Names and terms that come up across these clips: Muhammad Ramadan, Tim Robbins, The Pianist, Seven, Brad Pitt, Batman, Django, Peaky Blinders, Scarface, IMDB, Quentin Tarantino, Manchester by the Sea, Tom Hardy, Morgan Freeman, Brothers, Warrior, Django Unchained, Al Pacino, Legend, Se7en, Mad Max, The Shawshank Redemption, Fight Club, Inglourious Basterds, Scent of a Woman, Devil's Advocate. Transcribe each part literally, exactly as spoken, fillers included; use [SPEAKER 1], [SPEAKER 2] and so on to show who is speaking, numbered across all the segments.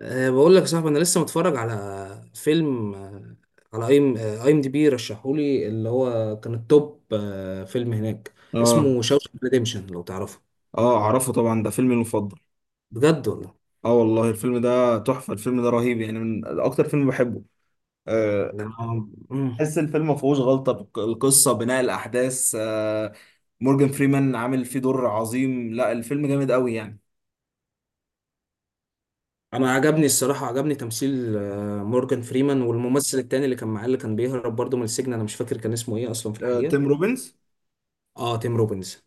[SPEAKER 1] أه بقول لك يا صاحبي، انا لسه متفرج على فيلم آه، على اي ام اي ام دي بي. رشحولي اللي هو كان التوب، آه، فيلم هناك
[SPEAKER 2] اه،
[SPEAKER 1] اسمه شاوشانك ريديمشن لو تعرفه.
[SPEAKER 2] اه، اعرفه طبعا، ده فيلمي المفضل.
[SPEAKER 1] بجد والله.
[SPEAKER 2] اه والله الفيلم ده تحفة، الفيلم ده رهيب يعني، من اكتر فيلم بحبه. آه،
[SPEAKER 1] ده انا مم.
[SPEAKER 2] تحس الفيلم ما فيهوش غلطة، بك- القصة، بناء الاحداث. آه، مورجان فريمان عامل فيه دور عظيم، لا الفيلم جامد قوي يعني.
[SPEAKER 1] أنا عجبني الصراحه، عجبني تمثيل آه، مورجان فريمان والممثل التاني اللي كان معاه، اللي كان بيهرب برضه من السجن. انا مش فاكر كان اسمه ايه اصلا في
[SPEAKER 2] آه،
[SPEAKER 1] الحقيقه.
[SPEAKER 2] تيم روبنز
[SPEAKER 1] اه، تيم روبنز.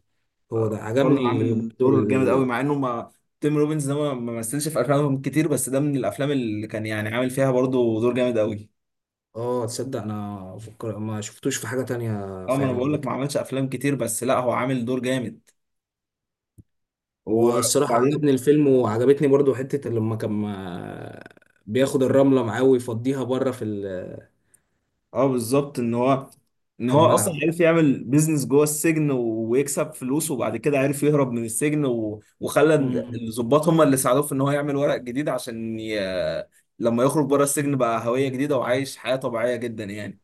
[SPEAKER 1] هو ده
[SPEAKER 2] برضه
[SPEAKER 1] عجبني برضه
[SPEAKER 2] عامل دور جامد
[SPEAKER 1] ال...
[SPEAKER 2] قوي، مع انه ما تيم روبنز ده ما ما مثلش في افلام كتير، بس ده من الافلام اللي كان يعني عامل فيها برضه دور جامد قوي.
[SPEAKER 1] اه، تصدق، انا فكر... ما شفتوش في حاجه تانية
[SPEAKER 2] اه ما انا
[SPEAKER 1] فعلا
[SPEAKER 2] بقول
[SPEAKER 1] قبل
[SPEAKER 2] لك، ما
[SPEAKER 1] كده.
[SPEAKER 2] عملش افلام كتير بس لا هو عامل دور جامد
[SPEAKER 1] هو الصراحة
[SPEAKER 2] وبعدين.
[SPEAKER 1] عجبني الفيلم، وعجبتني برضو حتة لما كان ما- بياخد الرملة معاه ويفضيها بره في ال-
[SPEAKER 2] اه بالظبط، ان هو ان
[SPEAKER 1] في
[SPEAKER 2] هو اصلا
[SPEAKER 1] الملعب.
[SPEAKER 2] عرف يعمل بيزنس جوه السجن و- ويكسب فلوس، وبعد كده عرف يهرب من السجن و... وخلى ال-
[SPEAKER 1] مم.
[SPEAKER 2] الضباط هم اللي ساعدوه في ان هو يعمل ورق جديد عشان ي... لما يخرج بره السجن بقى هوية جديدة، وعايش حياة طبيعية جدا يعني.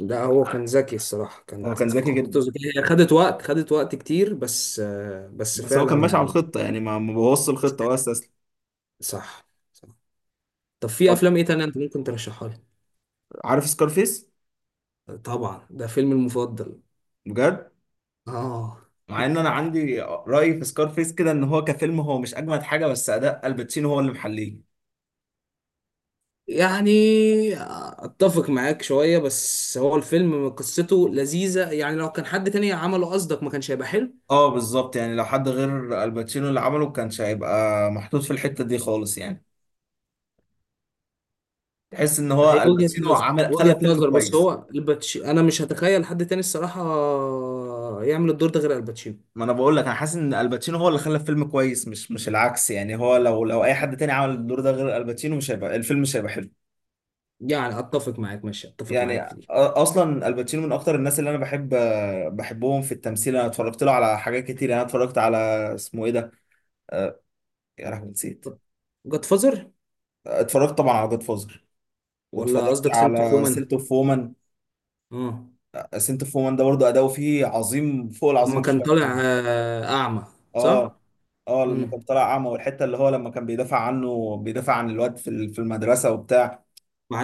[SPEAKER 1] ده هو كان ذكي الصراحة،
[SPEAKER 2] هو
[SPEAKER 1] كانت
[SPEAKER 2] كان
[SPEAKER 1] في
[SPEAKER 2] ذكي
[SPEAKER 1] خطته
[SPEAKER 2] جدا،
[SPEAKER 1] ذكية، هي خدت وقت خدت وقت كتير، بس آه، بس
[SPEAKER 2] بس هو كان
[SPEAKER 1] فعلا
[SPEAKER 2] ماشي على
[SPEAKER 1] يعني.
[SPEAKER 2] الخطة يعني، ما ما بوظش الخطة ولا استسلم.
[SPEAKER 1] صح. صح. طب في
[SPEAKER 2] طب
[SPEAKER 1] أفلام إيه تانية أنت ممكن ترشحها لي؟
[SPEAKER 2] عارف سكارفيس؟
[SPEAKER 1] طبعا، ده فيلمي المفضل.
[SPEAKER 2] بجد،
[SPEAKER 1] آه.
[SPEAKER 2] مع ان انا عندي رأي في سكارفيس كده، ان هو كفيلم هو مش اجمد حاجة، بس اداء الباتشينو هو اللي محليه.
[SPEAKER 1] يعني اتفق معاك شوية، بس هو الفيلم قصته لذيذة يعني. لو كان حد تاني عمله قصدك ما كانش هيبقى حلو.
[SPEAKER 2] اه بالظبط، يعني لو حد غير الباتشينو اللي عمله كانش هيبقى محطوط في الحتة دي خالص يعني، تحس ان
[SPEAKER 1] هي
[SPEAKER 2] هو
[SPEAKER 1] وجهة
[SPEAKER 2] الباتشينو
[SPEAKER 1] نظر،
[SPEAKER 2] عمل،
[SPEAKER 1] وجهة
[SPEAKER 2] خلى فيلم
[SPEAKER 1] نظر. بس
[SPEAKER 2] كويس.
[SPEAKER 1] هو الباتشي انا مش هتخيل حد تاني الصراحة يعمل الدور ده غير الباتشينو.
[SPEAKER 2] ما انا بقول لك، انا حاسس ان الباتشينو هو اللي خلى فيلم كويس، مش مش العكس يعني. هو لو لو اي حد تاني عمل الدور ده غير الباتشينو، مش هيبقى الفيلم، مش هيبقى حلو.
[SPEAKER 1] يعني اتفق معاك، ماشي، اتفق
[SPEAKER 2] يعني
[SPEAKER 1] معاك
[SPEAKER 2] أ-
[SPEAKER 1] في دي.
[SPEAKER 2] اصلا الباتشينو من اكتر الناس اللي انا بحب بحبهم في التمثيل. انا اتفرجت له على حاجات كتير يعني. أنا اتفرجت على، اسمه ايه ده، آه، يا لهوي نسيت.
[SPEAKER 1] جاد فازر.
[SPEAKER 2] اتفرجت طبعا على جود فوزر،
[SPEAKER 1] ولا
[SPEAKER 2] واتفرجت
[SPEAKER 1] قصدك سنت
[SPEAKER 2] على سيلت
[SPEAKER 1] فومان؟
[SPEAKER 2] اوف
[SPEAKER 1] اه،
[SPEAKER 2] سنت اوف وومن، ده برضه اداؤه فيه عظيم فوق
[SPEAKER 1] اما
[SPEAKER 2] العظيم
[SPEAKER 1] كان
[SPEAKER 2] بشويه
[SPEAKER 1] طالع
[SPEAKER 2] كمان.
[SPEAKER 1] آه، اعمى.
[SPEAKER 2] اه،
[SPEAKER 1] صح.
[SPEAKER 2] اه، لما
[SPEAKER 1] امم.
[SPEAKER 2] كان طالع اعمى، والحته اللي هو لما كان بيدافع عنه، بيدافع عن الواد في ال- في المدرسه وبتاع.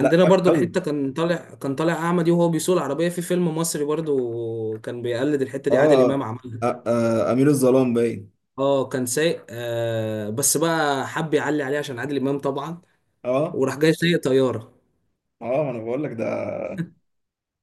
[SPEAKER 2] لا جامد
[SPEAKER 1] برضو
[SPEAKER 2] قوي.
[SPEAKER 1] الحتة كان طالع كان طالع اعمى دي، وهو بيسوق العربية في فيلم مصري. برضو كان بيقلد الحتة دي، عادل امام
[SPEAKER 2] اه.
[SPEAKER 1] عملها.
[SPEAKER 2] آه، آه، امير الظلام باين.
[SPEAKER 1] اه، كان سايق آه بس بقى حب يعلي عليه عشان عادل امام طبعا.
[SPEAKER 2] اه.
[SPEAKER 1] وراح جاي سايق طيارة.
[SPEAKER 2] اه ما انا بقول لك ده،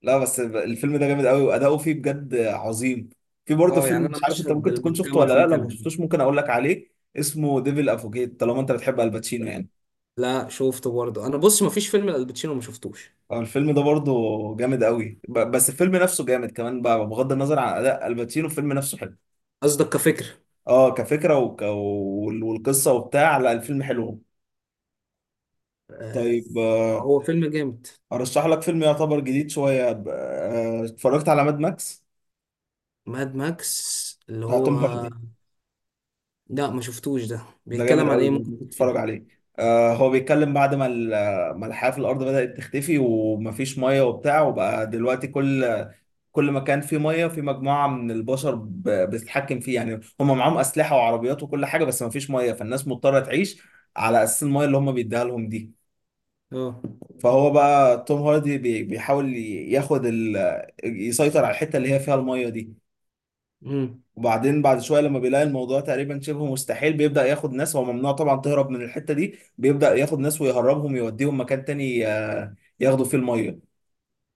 [SPEAKER 2] لا بس الفيلم ده جامد قوي واداؤه فيه بجد عظيم. في برضه
[SPEAKER 1] اه
[SPEAKER 2] فيلم،
[SPEAKER 1] يعني، انا
[SPEAKER 2] مش عارف انت
[SPEAKER 1] مشهد
[SPEAKER 2] ممكن تكون شفته
[SPEAKER 1] المحكمه
[SPEAKER 2] ولا لا،
[SPEAKER 1] فيه كان
[SPEAKER 2] لو ما
[SPEAKER 1] عندي.
[SPEAKER 2] شفتوش ممكن اقول لك عليه. اسمه ديفل افوكيت، طالما انت بتحب الباتشينو يعني.
[SPEAKER 1] لا، شفته برضه. انا بص، مفيش فيلم لالباتشينو ما شفتوش.
[SPEAKER 2] آه، الفيلم ده برضه جامد قوي، ب- بس الفيلم نفسه جامد كمان بقى، بغض النظر عن اداء الباتشينو الفيلم نفسه حلو.
[SPEAKER 1] قصدك كفكره؟
[SPEAKER 2] اه كفكره، وك... وال- والقصه وبتاع، لا الفيلم حلو.
[SPEAKER 1] آه،
[SPEAKER 2] طيب، آه،
[SPEAKER 1] هو فيلم جامد.
[SPEAKER 2] ارشح لك فيلم يعتبر جديد شويه. ب- آه، اتفرجت على ماد ماكس
[SPEAKER 1] ماد ماكس اللي
[SPEAKER 2] بتاع توم
[SPEAKER 1] هو؟
[SPEAKER 2] هاردي،
[SPEAKER 1] لا ما شفتوش، ده
[SPEAKER 2] ده جامد
[SPEAKER 1] بيتكلم عن
[SPEAKER 2] قوي
[SPEAKER 1] ايه؟
[SPEAKER 2] برضه،
[SPEAKER 1] ممكن
[SPEAKER 2] ممكن تتفرج
[SPEAKER 1] تحكيلي؟
[SPEAKER 2] عليه. آه هو بيتكلم بعد ما ال- ما الحياه في الارض بدات تختفي، ومفيش ميه وبتاع، وبقى دلوقتي كل كل ما كان في ميه، في مجموعه من البشر ب- بتتحكم فيه يعني، هم معاهم اسلحه وعربيات وكل حاجه، بس ما فيش ميه، فالناس مضطره تعيش على اساس الميه اللي هم بيديها لهم دي.
[SPEAKER 1] اه.
[SPEAKER 2] فهو بقى توم هاردي بي- بيحاول ي- ياخد ال... يسيطر على الحته اللي هي فيها الميه دي.
[SPEAKER 1] امم.
[SPEAKER 2] وبعدين بعد شويه لما بيلاقي الموضوع تقريبا شبه مستحيل، بيبدا ياخد ناس هو ممنوع طبعا تهرب من الحته دي، بيبدا ياخد ناس ويهربهم، يوديهم مكان تاني آه، ياخدوا فيه الميه.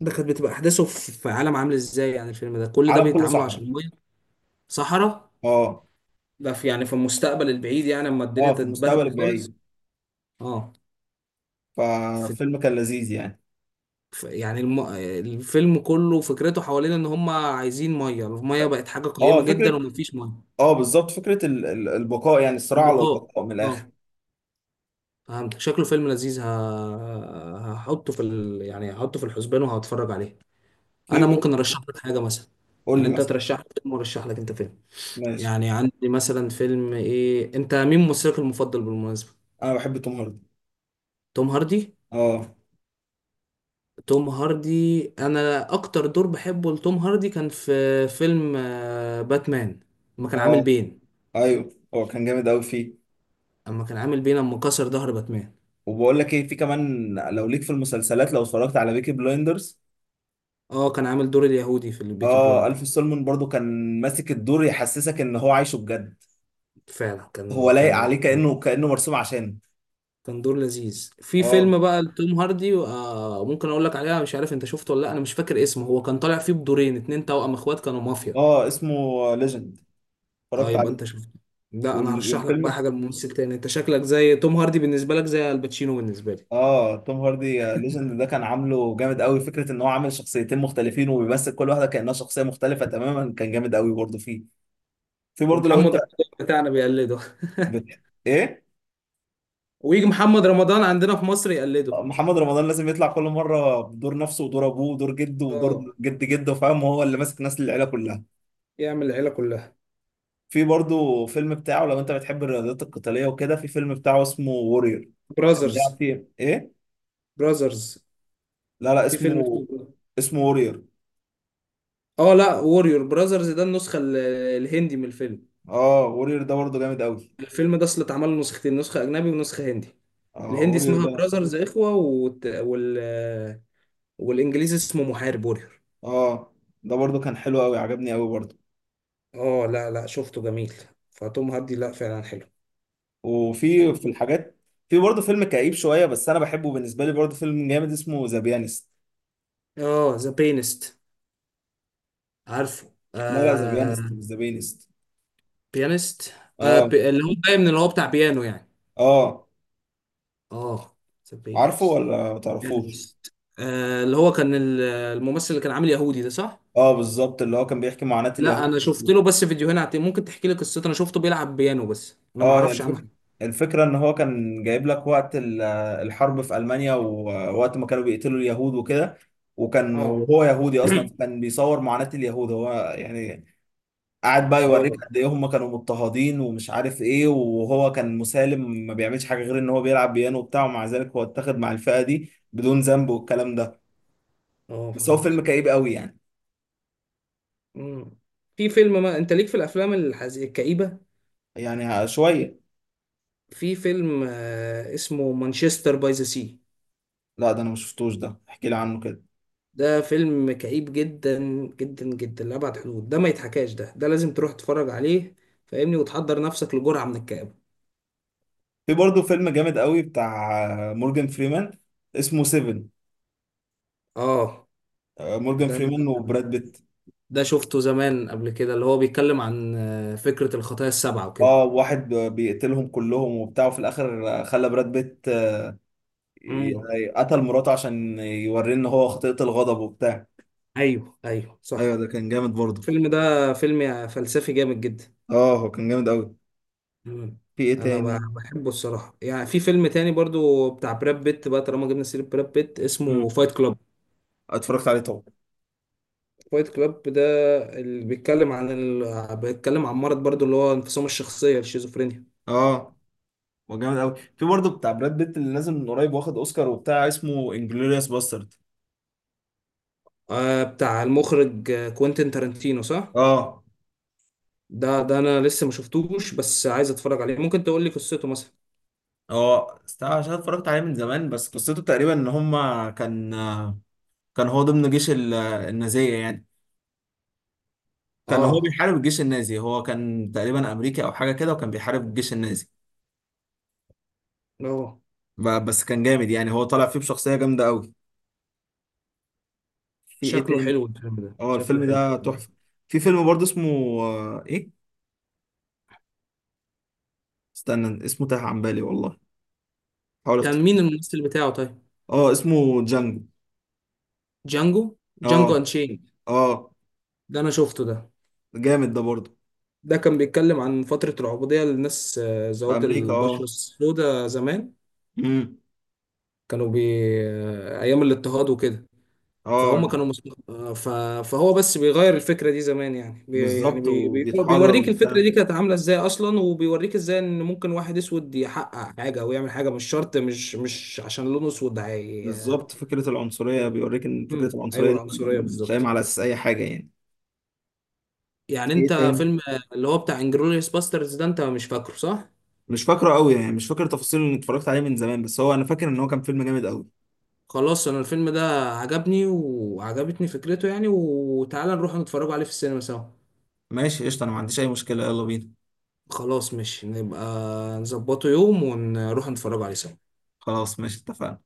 [SPEAKER 1] ده كانت بتبقى احداثه في في عالم عامل ازاي؟ يعني الفيلم ده كل ده
[SPEAKER 2] عالم كله
[SPEAKER 1] بيتعاملوا
[SPEAKER 2] صحراء.
[SPEAKER 1] عشان ميه؟ صحراء.
[SPEAKER 2] اه.
[SPEAKER 1] ده في يعني في المستقبل البعيد، يعني اما الدنيا
[SPEAKER 2] اه في المستقبل
[SPEAKER 1] تتبهدل خالص.
[SPEAKER 2] البعيد.
[SPEAKER 1] اه. في
[SPEAKER 2] ففيلم كان لذيذ يعني.
[SPEAKER 1] ف- يعني الم... الفيلم كله فكرته حوالين ان هم عايزين ميه، الميه بقت حاجه
[SPEAKER 2] اه
[SPEAKER 1] قيمه جدا
[SPEAKER 2] فكره،
[SPEAKER 1] ومفيش ميه.
[SPEAKER 2] اه بالظبط، فكره ال- ال- البقاء يعني، الصراع على
[SPEAKER 1] البقاء.
[SPEAKER 2] البقاء من الاخر.
[SPEAKER 1] اه، فهمتك، شكله فيلم لذيذ ه... هحطه في ال... يعني هحطه في الحسبان وهتفرج عليه.
[SPEAKER 2] في
[SPEAKER 1] انا
[SPEAKER 2] برضه...
[SPEAKER 1] ممكن ارشح لك حاجه مثلا.
[SPEAKER 2] قول
[SPEAKER 1] يعني
[SPEAKER 2] لي
[SPEAKER 1] انت
[SPEAKER 2] مثلا.
[SPEAKER 1] ترشح لي فيلم، وارشح لك انت فيلم.
[SPEAKER 2] ماشي،
[SPEAKER 1] يعني عندي مثلا فيلم ايه. انت مين ممثلك المفضل بالمناسبه؟
[SPEAKER 2] انا بحب توم هاردي.
[SPEAKER 1] توم هاردي؟
[SPEAKER 2] اه.
[SPEAKER 1] توم هاردي، انا اكتر دور بحبه لتوم هاردي كان في فيلم آه، باتمان. لما كان عامل
[SPEAKER 2] اه
[SPEAKER 1] بين.
[SPEAKER 2] ايوه هو كان جامد قوي فيه.
[SPEAKER 1] اما كان عامل بيه لما كسر ظهر باتمان.
[SPEAKER 2] وبقول لك ايه، في كمان، لو ليك في المسلسلات، لو اتفرجت على بيكي بلايندرز.
[SPEAKER 1] اه، كان عامل دور اليهودي في البيكي
[SPEAKER 2] اه
[SPEAKER 1] بلايندر.
[SPEAKER 2] الف سولمون برضو كان ماسك الدور يحسسك ان هو عايشه بجد،
[SPEAKER 1] فعلا
[SPEAKER 2] هو
[SPEAKER 1] كان
[SPEAKER 2] لايق
[SPEAKER 1] كان
[SPEAKER 2] عليه كانه كانه مرسوم عشانه.
[SPEAKER 1] كان دور لذيذ. في
[SPEAKER 2] اه.
[SPEAKER 1] فيلم بقى لتوم هاردي آه ممكن اقول لك عليها، مش عارف انت شفته ولا لا. انا مش فاكر اسمه، هو كان طالع فيه بدورين اتنين، توأم اخوات كانوا مافيا.
[SPEAKER 2] اه اسمه ليجند،
[SPEAKER 1] اه،
[SPEAKER 2] اتفرجت
[SPEAKER 1] يبقى
[SPEAKER 2] عليه.
[SPEAKER 1] انت شفته. لا، انا
[SPEAKER 2] وال-
[SPEAKER 1] هرشح لك بقى
[SPEAKER 2] والفيلم،
[SPEAKER 1] حاجه لممثل تاني. انت شكلك زي توم هاردي بالنسبه لك زي الباتشينو بالنسبه لي.
[SPEAKER 2] اه توم هاردي. آه، ليجند ده كان عامله جامد قوي، فكره ان هو عامل شخصيتين مختلفين، وبيمثل كل واحده كانها شخصيه مختلفه تماما، كان جامد قوي برضه فيه. في برضه
[SPEAKER 1] ومحمد
[SPEAKER 2] لو انت
[SPEAKER 1] رمضان بتاعنا بيقلده
[SPEAKER 2] بت... ايه.
[SPEAKER 1] ويجي محمد رمضان عندنا في مصر يقلده.
[SPEAKER 2] آه، محمد رمضان لازم يطلع كل مره بدور نفسه ودور ابوه ودور جده ودور
[SPEAKER 1] اه،
[SPEAKER 2] جد جده، فاهم هو اللي ماسك ناس العيله كلها.
[SPEAKER 1] يعمل العيله كلها.
[SPEAKER 2] في برضه فيلم بتاعه، لو انت بتحب الرياضات القتاليه وكده، في فيلم بتاعه اسمه وورير، كان بيلعب
[SPEAKER 1] براذرز.
[SPEAKER 2] فيه ايه.
[SPEAKER 1] براذرز.
[SPEAKER 2] لا لا،
[SPEAKER 1] في فيلم
[SPEAKER 2] اسمه،
[SPEAKER 1] اسمه.
[SPEAKER 2] اسمه وورير.
[SPEAKER 1] اه، لا، ووريور براذرز، ده النسخة ال- الهندي من الفيلم.
[SPEAKER 2] اه وورير ده برضه جامد قوي.
[SPEAKER 1] الفيلم ده اصل اتعمل له نسختين، نسخة أجنبي ونسخة هندي.
[SPEAKER 2] اه
[SPEAKER 1] الهندي
[SPEAKER 2] وورير
[SPEAKER 1] اسمها
[SPEAKER 2] ده،
[SPEAKER 1] براذرز إخوة، والت... وال... والإنجليزي اسمه محارب ووريور.
[SPEAKER 2] اه ده برضو كان حلو قوي، عجبني قوي برضو.
[SPEAKER 1] اه، لا لا، شفته جميل. فتوم هاردي لا فعلا حلو.
[SPEAKER 2] وفي في الحاجات، في برضو فيلم كئيب شويه بس انا بحبه، بالنسبه لي برضو فيلم جامد، اسمه ذا بيانست.
[SPEAKER 1] اه، ذا بيانست. عارفه،
[SPEAKER 2] لا لا، ذا
[SPEAKER 1] آه؟
[SPEAKER 2] بيانست مش ذا بيانست.
[SPEAKER 1] بيانست. آه
[SPEAKER 2] اه.
[SPEAKER 1] بي... اللي هو باين اللي هو بتاع بيانو يعني.
[SPEAKER 2] اه
[SPEAKER 1] اه. ذا
[SPEAKER 2] عارفه
[SPEAKER 1] بيانست.
[SPEAKER 2] ولا ما تعرفوش؟
[SPEAKER 1] بيانست. آه اللي هو كان ال- الممثل اللي كان عامل يهودي ده، صح؟
[SPEAKER 2] اه بالظبط، اللي هو كان بيحكي معاناه
[SPEAKER 1] لا،
[SPEAKER 2] اليهود.
[SPEAKER 1] انا شفت له بس فيديوهين على التيك- ممكن تحكي لي قصته؟ انا شفته بيلعب بيانو بس انا ما
[SPEAKER 2] اه هي
[SPEAKER 1] اعرفش عنه
[SPEAKER 2] الفكره،
[SPEAKER 1] حاجه.
[SPEAKER 2] الفكره ان هو كان جايب لك وقت ال- الحرب في المانيا، ووقت ما كانوا بيقتلوا اليهود وكده، وكان،
[SPEAKER 1] اه.
[SPEAKER 2] وهو يهودي اصلا، فكان بيصور معاناه اليهود هو يعني. قعد بقى
[SPEAKER 1] اه.
[SPEAKER 2] يوريك قد ايه هم كانوا مضطهدين ومش عارف ايه، وهو كان مسالم ما بيعملش حاجه غير ان هو بيلعب بيانو وبتاع، ومع ذلك هو اتاخد مع الفئه دي بدون ذنب والكلام ده.
[SPEAKER 1] اه،
[SPEAKER 2] بس هو فيلم
[SPEAKER 1] فهمت.
[SPEAKER 2] كئيب قوي يعني.
[SPEAKER 1] مم. في فيلم، ما انت ليك في الافلام الحز... الكئيبه.
[SPEAKER 2] يعني شويه.
[SPEAKER 1] في فيلم آه اسمه مانشستر باي ذا سي.
[SPEAKER 2] لا ده انا ما شفتوش، ده احكي لي عنه كده.
[SPEAKER 1] ده فيلم كئيب جدا جدا جدا لأبعد حدود، ده ما يتحكاش، ده ده لازم تروح تتفرج عليه. فاهمني، وتحضر نفسك لجرعه من الكآبه.
[SPEAKER 2] في برضه فيلم جامد قوي بتاع مورجان فريمان، اسمه سيفن.
[SPEAKER 1] اه.
[SPEAKER 2] آه، مورجان
[SPEAKER 1] ده
[SPEAKER 2] فريمان وبراد بيت.
[SPEAKER 1] ده شفته زمان قبل كده، اللي هو بيتكلم عن آه، فكره الخطايا السبعه وكده.
[SPEAKER 2] اه واحد بيقتلهم كلهم وبتاع، وفي الاخر خلى براد بيت
[SPEAKER 1] مم.
[SPEAKER 2] ي- قتل مراته عشان يوريه ان هو خطيئة الغضب وبتاع.
[SPEAKER 1] ايوه، ايوه،
[SPEAKER 2] ايوه
[SPEAKER 1] صح.
[SPEAKER 2] ده كان جامد برضه.
[SPEAKER 1] الفيلم ده فيلم فلسفي جامد جدا.
[SPEAKER 2] اه هو كان جامد قوي.
[SPEAKER 1] مم.
[SPEAKER 2] في ايه
[SPEAKER 1] انا ب-
[SPEAKER 2] تاني.
[SPEAKER 1] بحبه الصراحه يعني. في فيلم تاني برضو بتاع براد بيت بقى، طالما جبنا سيره براد بيت، اسمه
[SPEAKER 2] امم،
[SPEAKER 1] فايت كلاب.
[SPEAKER 2] اتفرجت عليه طبعا.
[SPEAKER 1] فايت كلاب ده اللي بيتكلم عن ال... بيتكلم عن مرض برضو اللي هو انفصام الشخصيه الشيزوفرينيا.
[SPEAKER 2] اه هو جامد قوي. في برضه بتاع براد بيت اللي نازل من قريب واخد اوسكار وبتاع، اسمه انجلوريوس باسترد.
[SPEAKER 1] آه بتاع المخرج آه، كوينتين تارانتينو، صح؟
[SPEAKER 2] اه.
[SPEAKER 1] ده ده انا لسه ما شفتوش بس عايز اتفرج عليه، ممكن تقول لي قصته مثلا؟
[SPEAKER 2] اه است- عشان اتفرجت عليه من زمان، بس قصته تقريبا ان هما كان، آه، كان هو ضمن جيش ال- آه، النازية يعني، كان هو
[SPEAKER 1] اه.
[SPEAKER 2] بيحارب الجيش النازي، هو كان تقريبا امريكي او حاجة كده، وكان بيحارب الجيش النازي.
[SPEAKER 1] اه،
[SPEAKER 2] ب- بس كان جامد يعني، هو طالع فيه بشخصية جامدة قوي. في ايه
[SPEAKER 1] شكله
[SPEAKER 2] تاني.
[SPEAKER 1] حلو الفيلم ده،
[SPEAKER 2] اه
[SPEAKER 1] شكله
[SPEAKER 2] الفيلم
[SPEAKER 1] حلو.
[SPEAKER 2] ده تحفة. في فيلم برضه اسمه، آه، ايه استنى، اسمه تاه عن بالي والله، حاول
[SPEAKER 1] كان
[SPEAKER 2] افتكر.
[SPEAKER 1] مين الممثل بتاعه طيب؟
[SPEAKER 2] اه اسمه جانجو.
[SPEAKER 1] جانجو؟ جانجو
[SPEAKER 2] اه.
[SPEAKER 1] انشين.
[SPEAKER 2] اه
[SPEAKER 1] ده انا شفته ده.
[SPEAKER 2] جامد ده برضه.
[SPEAKER 1] ده كان بيتكلم عن فترة العبودية للناس، آه،
[SPEAKER 2] في
[SPEAKER 1] ذوات
[SPEAKER 2] امريكا
[SPEAKER 1] البشرة
[SPEAKER 2] اه.
[SPEAKER 1] السوداء زمان.
[SPEAKER 2] امم.
[SPEAKER 1] كانوا بي آه، ايام الاضطهاد وكده.
[SPEAKER 2] اه
[SPEAKER 1] فهم كانوا مس... آه، ف... فهو بس بيغير الفكرة دي زمان، يعني بي... يعني
[SPEAKER 2] بالظبط
[SPEAKER 1] بي... بي...
[SPEAKER 2] وبيتحرر
[SPEAKER 1] بيوريك الفكرة
[SPEAKER 2] وبتاع،
[SPEAKER 1] دي كانت عاملة ازاي اصلا، وبيوريك ازاي ان ممكن واحد اسود يحقق حاجة او يعمل حاجة. مش شرط مش مش عشان لونه اسود هي...
[SPEAKER 2] بالظبط فكرة العنصرية، بيوريك ان فكرة
[SPEAKER 1] مم. ايوه،
[SPEAKER 2] العنصرية دي
[SPEAKER 1] العنصرية
[SPEAKER 2] مش قايمة
[SPEAKER 1] بالظبط.
[SPEAKER 2] على اساس اي حاجة يعني.
[SPEAKER 1] يعني
[SPEAKER 2] في ايه
[SPEAKER 1] انت
[SPEAKER 2] تاني.
[SPEAKER 1] فيلم آه، اللي هو بتاع انجلوريوس باسترز ده، انت مش فاكره صح؟
[SPEAKER 2] مش فاكره قوي يعني، مش فاكر تفاصيل، اللي اتفرجت عليه من زمان، بس هو انا فاكر ان هو كان فيلم جامد قوي.
[SPEAKER 1] خلاص، انا الفيلم ده عجبني وعجبتني فكرته يعني، وتعالى نروح نتفرج عليه في السينما سوا.
[SPEAKER 2] ماشي قشطة، انا ما عنديش اي مشكلة، يلا بينا.
[SPEAKER 1] خلاص ماشي، نبقى نظبطه يوم ونروح نتفرج عليه سوا.
[SPEAKER 2] خلاص ماشي، اتفقنا.